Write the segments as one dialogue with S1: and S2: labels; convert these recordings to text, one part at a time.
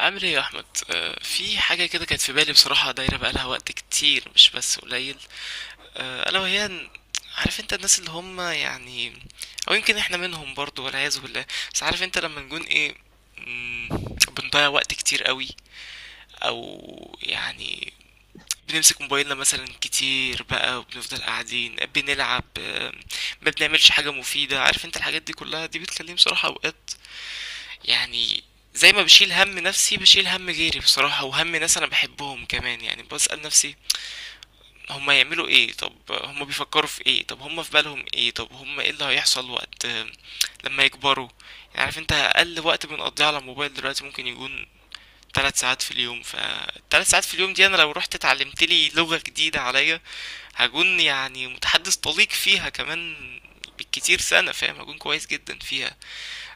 S1: عامل ايه يا احمد؟ في حاجه كده كانت في بالي، بصراحه دايره بقالها وقت كتير مش بس قليل. آه، الا وهي إن- عارف انت الناس اللي هم يعني، او يمكن احنا منهم برضو، والعياذ بالله. بس عارف انت لما نكون ايه، مم، بنضيع وقت كتير قوي. او يعني بنمسك موبايلنا مثلا كتير بقى، وبنفضل قاعدين بنلعب، ما بنعملش حاجه مفيده. عارف انت الحاجات دي كلها، دي بتخليني بصراحه اوقات يعني زي ما بشيل هم نفسي بشيل هم غيري، بصراحة. وهم ناس أنا بحبهم كمان. يعني بسأل نفسي هما يعملوا ايه، طب هما بيفكروا في ايه، طب هما في بالهم ايه، طب هما ايه اللي هيحصل وقت لما يكبروا. يعني عارف انت أقل وقت بنقضيه على الموبايل دلوقتي ممكن يكون 3 ساعات في اليوم. فالتلات ساعات في اليوم دي أنا لو رحت اتعلمت لي لغة جديدة عليا هكون يعني متحدث طليق فيها كمان، بالكتير سنة. فاهم؟ هكون كويس جدا فيها.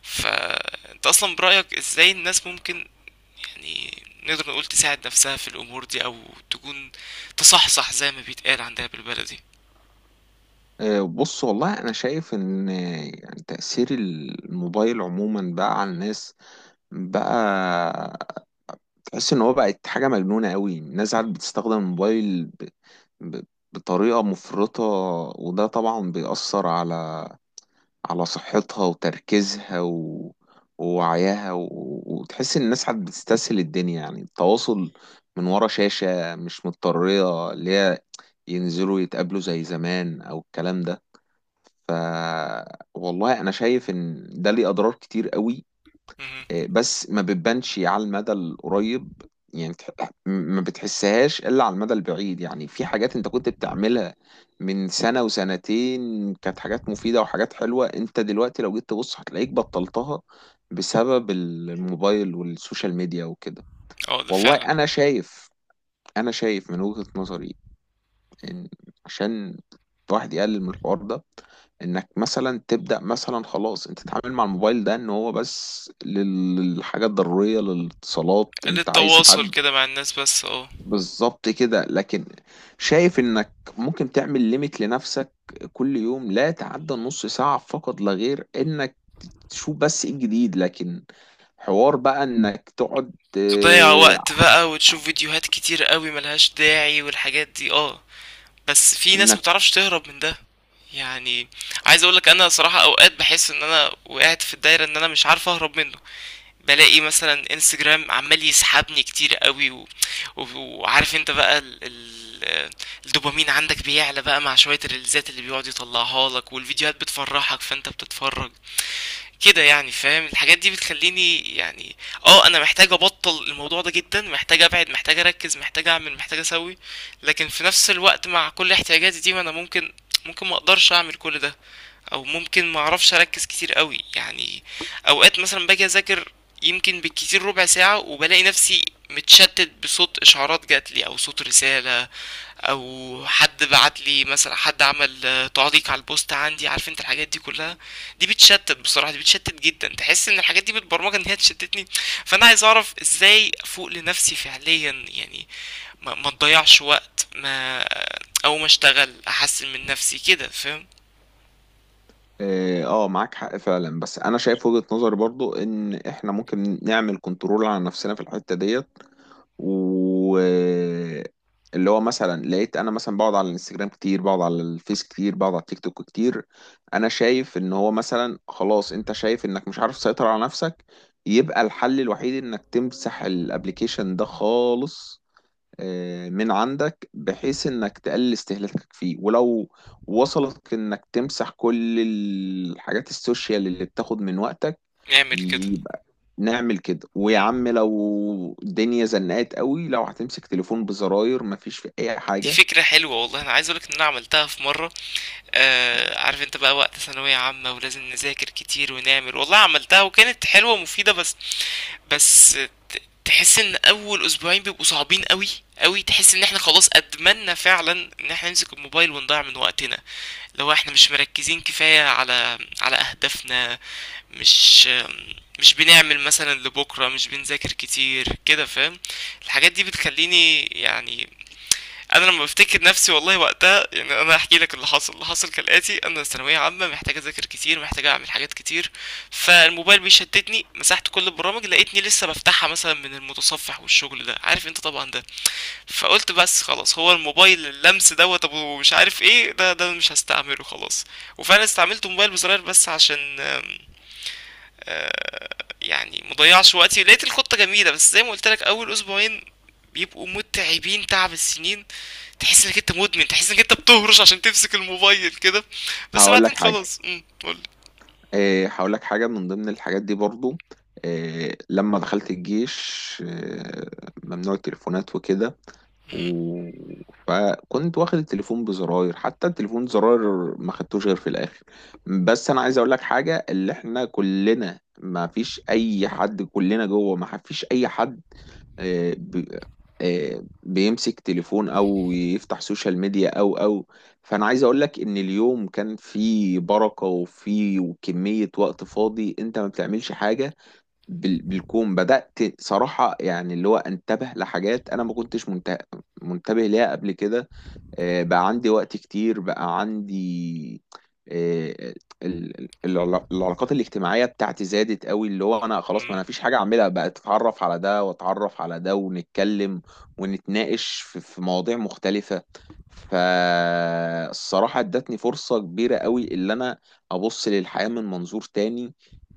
S1: فانت اصلا برأيك ازاي الناس ممكن يعني نقدر نقول تساعد نفسها في الأمور دي، أو تكون تصحصح زي ما بيتقال عندها بالبلدي؟
S2: بص، والله انا شايف ان يعني تأثير الموبايل عموما بقى على الناس. بقى تحس ان هو بقت حاجة مجنونة قوي. الناس عاد بتستخدم الموبايل ب... بطريقة مفرطة. وده طبعا بيأثر على صحتها وتركيزها ووعيها وتحس ان الناس عاد بتستسهل الدنيا، يعني التواصل من ورا شاشة، مش مضطرية اللي هي ينزلوا يتقابلوا زي زمان او الكلام ده. ف والله انا شايف ان ده ليه اضرار كتير قوي.
S1: مهم.
S2: بس ما بتبانش على المدى القريب، يعني ما بتحسهاش الا على المدى البعيد. يعني في حاجات انت كنت بتعملها من سنة وسنتين، كانت حاجات مفيدة وحاجات حلوة، انت دلوقتي لو جيت تبص هتلاقيك بطلتها بسبب الموبايل والسوشيال ميديا وكده.
S1: اه، ده
S2: والله
S1: فعلا.
S2: انا شايف، من وجهة نظري إن- عشان الواحد يقلل من الحوار ده، انك مثلا تبدأ. مثلا خلاص انت تتعامل مع الموبايل ده ان هو بس للحاجات الضرورية للاتصالات.
S1: قلة
S2: انت عايز
S1: تواصل
S2: حد
S1: كده مع الناس، بس اه.
S2: بالظبط كده، لكن شايف انك ممكن تعمل ليميت لنفسك كل يوم، لا تعدى نص ساعة فقط لا غير، انك تشوف بس ايه الجديد. لكن حوار بقى انك تقعد.
S1: تضيع
S2: آه،
S1: وقت بقى وتشوف فيديوهات كتير قوي ملهاش داعي، والحاجات دي اه. بس في ناس
S2: انك
S1: مبتعرفش تهرب من ده، يعني. عايز اقولك انا صراحة اوقات بحس ان انا وقعت في الدايرة، ان انا مش عارف اهرب منه. بالاقي مثلا انستجرام عمال يسحبني كتير قوي، و... و... وعارف انت بقى ال... ال... الدوبامين عندك بيعلى بقى مع شوية الريلزات اللي بيقعد يطلعها لك، والفيديوهات بتفرحك فانت بتتفرج كده. يعني فاهم؟ الحاجات دي بتخليني يعني اه انا محتاج ابطل الموضوع ده جدا، محتاج ابعد، محتاج اركز، محتاج اعمل، محتاج اسوي. لكن في نفس الوقت، مع كل احتياجاتي دي، ما انا ممكن ما اقدرش اعمل كل ده، او ممكن ما اعرفش اركز كتير قوي يعني. اوقات مثلا باجي اذاكر، يمكن بالكتير ربع ساعة، وبلاقي نفسي متشتت بصوت اشعارات جاتلي، او صوت رسالة، او حد بعتلي مثلا، حد عمل تعليق على البوست عندي. عارف انت الحاجات دي كلها دي بتشتت بصراحة، دي بتشتت جدا. تحس ان الحاجات دي متبرمجة ان هي تشتتني. فانا عايز اعرف ازاي افوق لنفسي فعليا يعني. ما تضيعش وقت، ما، او ما اشتغل احسن من نفسي كده. فاهم؟
S2: اه، معاك حق فعلا، بس انا شايف وجهة نظري برضو ان احنا ممكن نعمل كنترول على نفسنا في الحتة ديت. و اللي هو مثلا لقيت انا مثلا بقعد على الانستجرام كتير، بقعد على الفيس كتير، بقعد على التيك توك كتير. انا شايف ان هو مثلا خلاص، انت شايف انك مش عارف تسيطر على نفسك، يبقى الحل الوحيد انك تمسح الابليكيشن ده خالص من عندك، بحيث انك تقلل استهلاكك فيه. ولو وصلك انك تمسح كل الحاجات السوشيال اللي بتاخد من وقتك،
S1: اعمل كده.
S2: يبقى نعمل كده. ويا عم لو الدنيا زنقت قوي، لو هتمسك تليفون بزراير، مفيش في اي
S1: دي
S2: حاجة.
S1: فكرة حلوة والله. أنا عايز أقولك إن أنا عملتها في مرة. آه، عارف أنت بقى وقت ثانوية عامة، ولازم نذاكر كتير ونعمل. والله عملتها وكانت حلوة ومفيدة، بس. بس تحس إن أول أسبوعين بيبقوا صعبين أوي أوي. تحس إن إحنا خلاص أدمنا فعلا إن إحنا نمسك الموبايل ونضيع من وقتنا لو إحنا مش مركزين كفاية على أهدافنا. مش مش بنعمل مثلا لبكرة، مش بنذاكر كتير كده. فاهم؟ الحاجات دي بتخليني يعني انا لما بفتكر نفسي والله وقتها، يعني انا هحكي لك اللي حصل. اللي حصل كالاتي: انا ثانويه عامه محتاج اذاكر كتير، محتاج اعمل حاجات كتير، فالموبايل بيشتتني. مسحت كل البرامج، لقيتني لسه بفتحها مثلا من المتصفح والشغل ده. عارف انت طبعا ده. فقلت بس خلاص، هو الموبايل اللمس دوت ابو مش عارف ايه ده، ده مش هستعمله خلاص. وفعلا استعملت موبايل بزرار بس عشان يعني مضيعش وقتي. لقيت الخطة جميلة، بس زي ما قلت لك اول اسبوعين بيبقوا متعبين تعب السنين. تحس انك انت مدمن، تحس انك انت بتهرش عشان تمسك الموبايل كده. بس
S2: هقول لك
S1: بعدين
S2: حاجة
S1: خلاص. قول.
S2: هقول لك حاجة من ضمن الحاجات دي برضو. لما دخلت الجيش، ممنوع التليفونات وكده. و... فكنت واخد التليفون بزراير، حتى التليفون زراير ما خدتوش غير في الاخر. بس انا عايز اقول لك حاجه، اللي احنا كلنا ما فيش اي حد، كلنا جوه ما فيش اي حد آه، ب... آه، بيمسك تليفون او يفتح سوشيال ميديا او. فانا عايز اقول لك ان اليوم كان فيه بركه وفيه وكميه وقت فاضي انت ما بتعملش حاجه. بالكون بدأت صراحة، يعني اللي هو انتبه لحاجات أنا ما كنتش منتبه ليها قبل كده. بقى عندي وقت كتير. بقى عندي آه، ال- ال- العلا- العلاقات الاجتماعية بتاعتي زادت قوي، اللي هو أنا خلاص ما
S1: امم
S2: أنا فيش حاجة أعملها، بقى أتعرف على ده وأتعرف على ده ونتكلم ونتناقش في في مواضيع مختلفة. فالصراحة ادتني فرصة كبيرة قوي اللي أنا أبص للحياة من منظور تاني.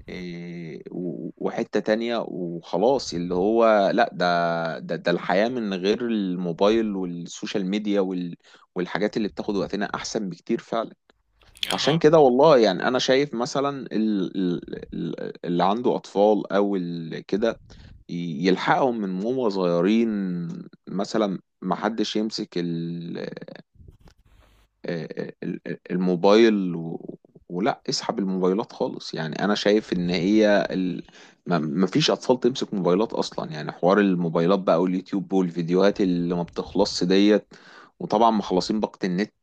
S2: إيه، وحتة تانية وخلاص، اللي هو لا، ده الحياة من غير الموبايل والسوشيال ميديا والحاجات اللي بتاخد وقتنا أحسن بكتير فعلا. فعشان
S1: اها.
S2: كده والله، يعني أنا شايف مثلا اللي عنده أطفال أو كده يلحقهم من هما صغيرين. مثلا محدش يمسك الموبايل، ولا اسحب الموبايلات خالص. يعني انا شايف ان هي ما فيش اطفال تمسك موبايلات اصلا، يعني حوار الموبايلات بقى واليوتيوب والفيديوهات اللي ما بتخلصش ديت، وطبعا مخلصين باقة النت.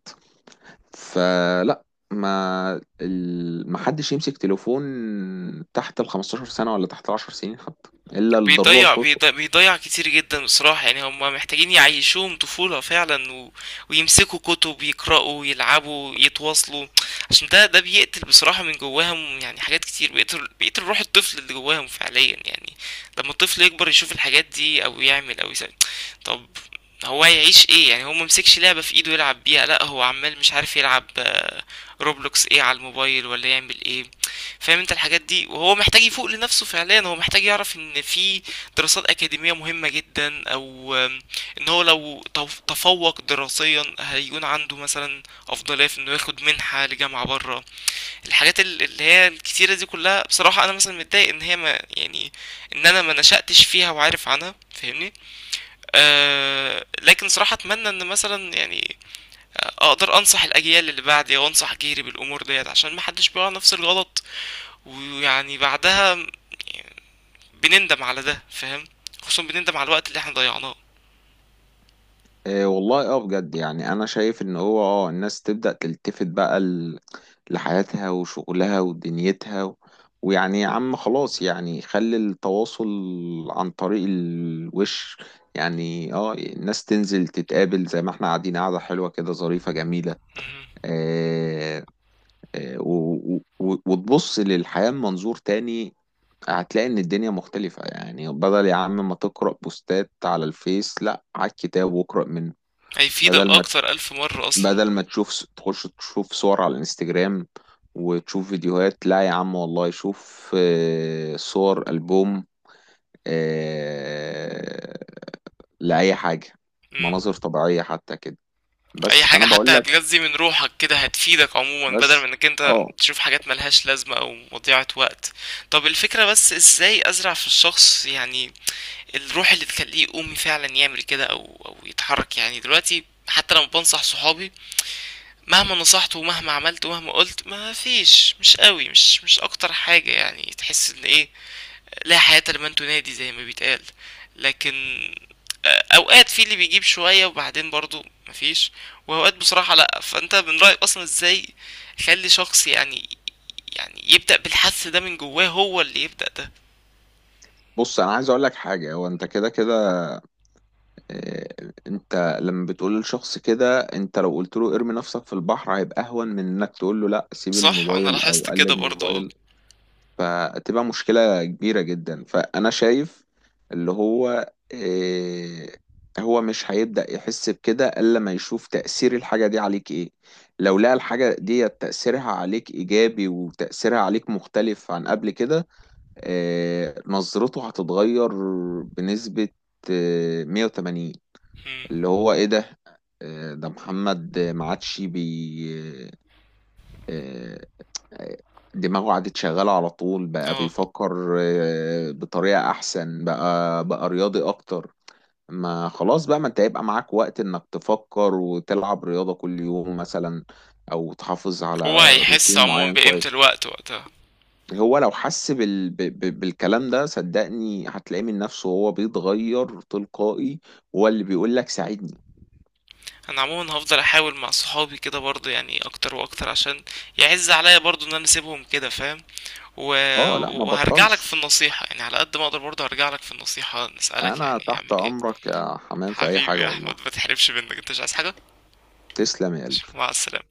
S2: فلا، ما حدش يمسك تليفون تحت ال 15 سنة ولا تحت ال 10 سنين حتى الا للضرورة
S1: بيضيع
S2: القصوى.
S1: بيضيع, بيضيع كتير جدا بصراحة. يعني هم محتاجين يعيشوهم طفولة فعلا، ويمسكوا كتب يقرأوا يلعبوا يتواصلوا. عشان ده بيقتل بصراحة من جواهم يعني، حاجات كتير. بيقتل روح الطفل اللي جواهم فعليا يعني، لما الطفل يكبر يشوف الحاجات دي أو يعمل أو يسوي. طب هو هيعيش ايه يعني؟ هو ممسكش لعبة في ايده يلعب بيها؟ لا، هو عمال مش عارف يلعب، روبلوكس ايه على الموبايل ولا يعمل ايه. فاهم انت الحاجات دي؟ وهو محتاج يفوق لنفسه فعليا. هو محتاج يعرف ان في دراسات اكاديمية مهمة جدا، او ان هو لو تفوق دراسيا هيكون عنده مثلا افضلية في انه ياخد منحة لجامعة برا. الحاجات اللي هي الكتيرة دي كلها، بصراحة انا مثلا متضايق ان هي ما يعني ان انا ما نشأتش فيها وعارف عنها. فاهمني؟ لكن صراحة أتمنى إن مثلا يعني أقدر أنصح الأجيال اللي بعدي، أو أنصح جيري بالأمور ديت، عشان محدش بيقع نفس الغلط. ويعني بعدها بنندم على ده. فاهم؟ خصوصا بنندم على الوقت اللي احنا ضيعناه.
S2: إيه والله، اه بجد، يعني انا شايف ان هو اه الناس تبدأ تلتفت بقى لحياتها وشغلها ودنيتها. ويعني يا عم خلاص، يعني خلي التواصل عن طريق الوش. يعني اه الناس تنزل تتقابل زي ما احنا قاعدين، قاعدة حلوة كده ظريفة جميلة.
S1: مهم.
S2: آه آه و... و... وتبص للحياة من منظور تاني، هتلاقي ان الدنيا مختلفة. يعني بدل يا عم ما تقرأ بوستات على الفيس، لا على الكتاب واقرأ منه.
S1: هيفيدك
S2: بدل ما
S1: أكتر ألف مرة أصلا.
S2: بدل ما تشوف تخش تشوف صور على الانستجرام وتشوف فيديوهات، لا يا عم والله شوف صور ألبوم، آه، لأي حاجة،
S1: مم.
S2: مناظر طبيعية حتى كده.
S1: أي
S2: بس
S1: حاجة
S2: فأنا
S1: حتى
S2: بقول لك.
S1: هتغذي من روحك كده هتفيدك عموما، بدل من
S2: بس
S1: إنك أنت
S2: اه
S1: تشوف حاجات ملهاش لازمة أو مضيعة وقت. طب الفكرة بس إزاي أزرع في الشخص يعني الروح اللي تخليه يقوم فعلا يعمل كده او يتحرك يعني؟ دلوقتي حتى لما بنصح صحابي، مهما نصحت ومهما عملت ومهما قلت ما فيش، مش قوي، مش اكتر حاجة. يعني تحس ان ايه، لا حياة لمن تنادي زي ما بيتقال. لكن اوقات في اللي بيجيب شوية وبعدين برضو مفيش، واوقات بصراحة لا. فانت من رأيك اصلا ازاي خلي شخص يعني يبدأ بالحس ده من جواه، هو اللي يبدأ ده؟
S2: بص، أنا عايز أقول لك حاجة. هو أنت كده كده، أنت لما بتقول لشخص كده، أنت لو قلت له ارمي نفسك في البحر هيبقى أهون من إنك تقول له لا سيب
S1: صح، انا
S2: الموبايل أو
S1: لاحظت كده
S2: قلل من
S1: برضو اه.
S2: موبايل. فتبقى مشكلة كبيرة جدا. فأنا شايف، اللي هو إيه؟ هو مش هيبدأ يحس بكده إلا ما يشوف تأثير الحاجة دي عليك، إيه. لو لقى الحاجة دي تأثيرها عليك إيجابي وتأثيرها عليك مختلف عن قبل كده، إيه، نظرته هتتغير بنسبة إيه 180.
S1: مم.
S2: اللي هو إيه ده؟ إيه ده، محمد ما عادش بي. آه، آه، دماغه قعدت شغالة على طول، بقى
S1: اه،
S2: بيفكر بطريقة أحسن، بقى رياضي أكتر. ما خلاص بقى، ما أنت هيبقى معاك وقت إنك تفكر وتلعب رياضة كل يوم مثلا، أو تحافظ
S1: هو
S2: على
S1: هيحس
S2: روتين
S1: عموما
S2: معين
S1: بقيمة
S2: كويس.
S1: الوقت وقتها.
S2: هو لو حس بالكلام ده، صدقني هتلاقيه من نفسه هو بيتغير تلقائي، هو اللي بيقول لك ساعدني.
S1: انا عموما هفضل احاول مع صحابي كده برضه، يعني اكتر واكتر، عشان يعز عليا برضه ان انا اسيبهم كده. فاهم؟ و...
S2: اه لا ما
S1: وهرجع لك في
S2: بطلش.
S1: النصيحة، يعني على قد ما اقدر برضه هرجع لك في النصيحة نسألك
S2: انا
S1: يعني
S2: تحت
S1: اعمل ايه.
S2: امرك يا حمام في اي حاجة
S1: حبيبي يا
S2: والله.
S1: احمد، ما تحرمش منك. انت مش عايز حاجة.
S2: تسلم يا قلبي.
S1: مع السلامة.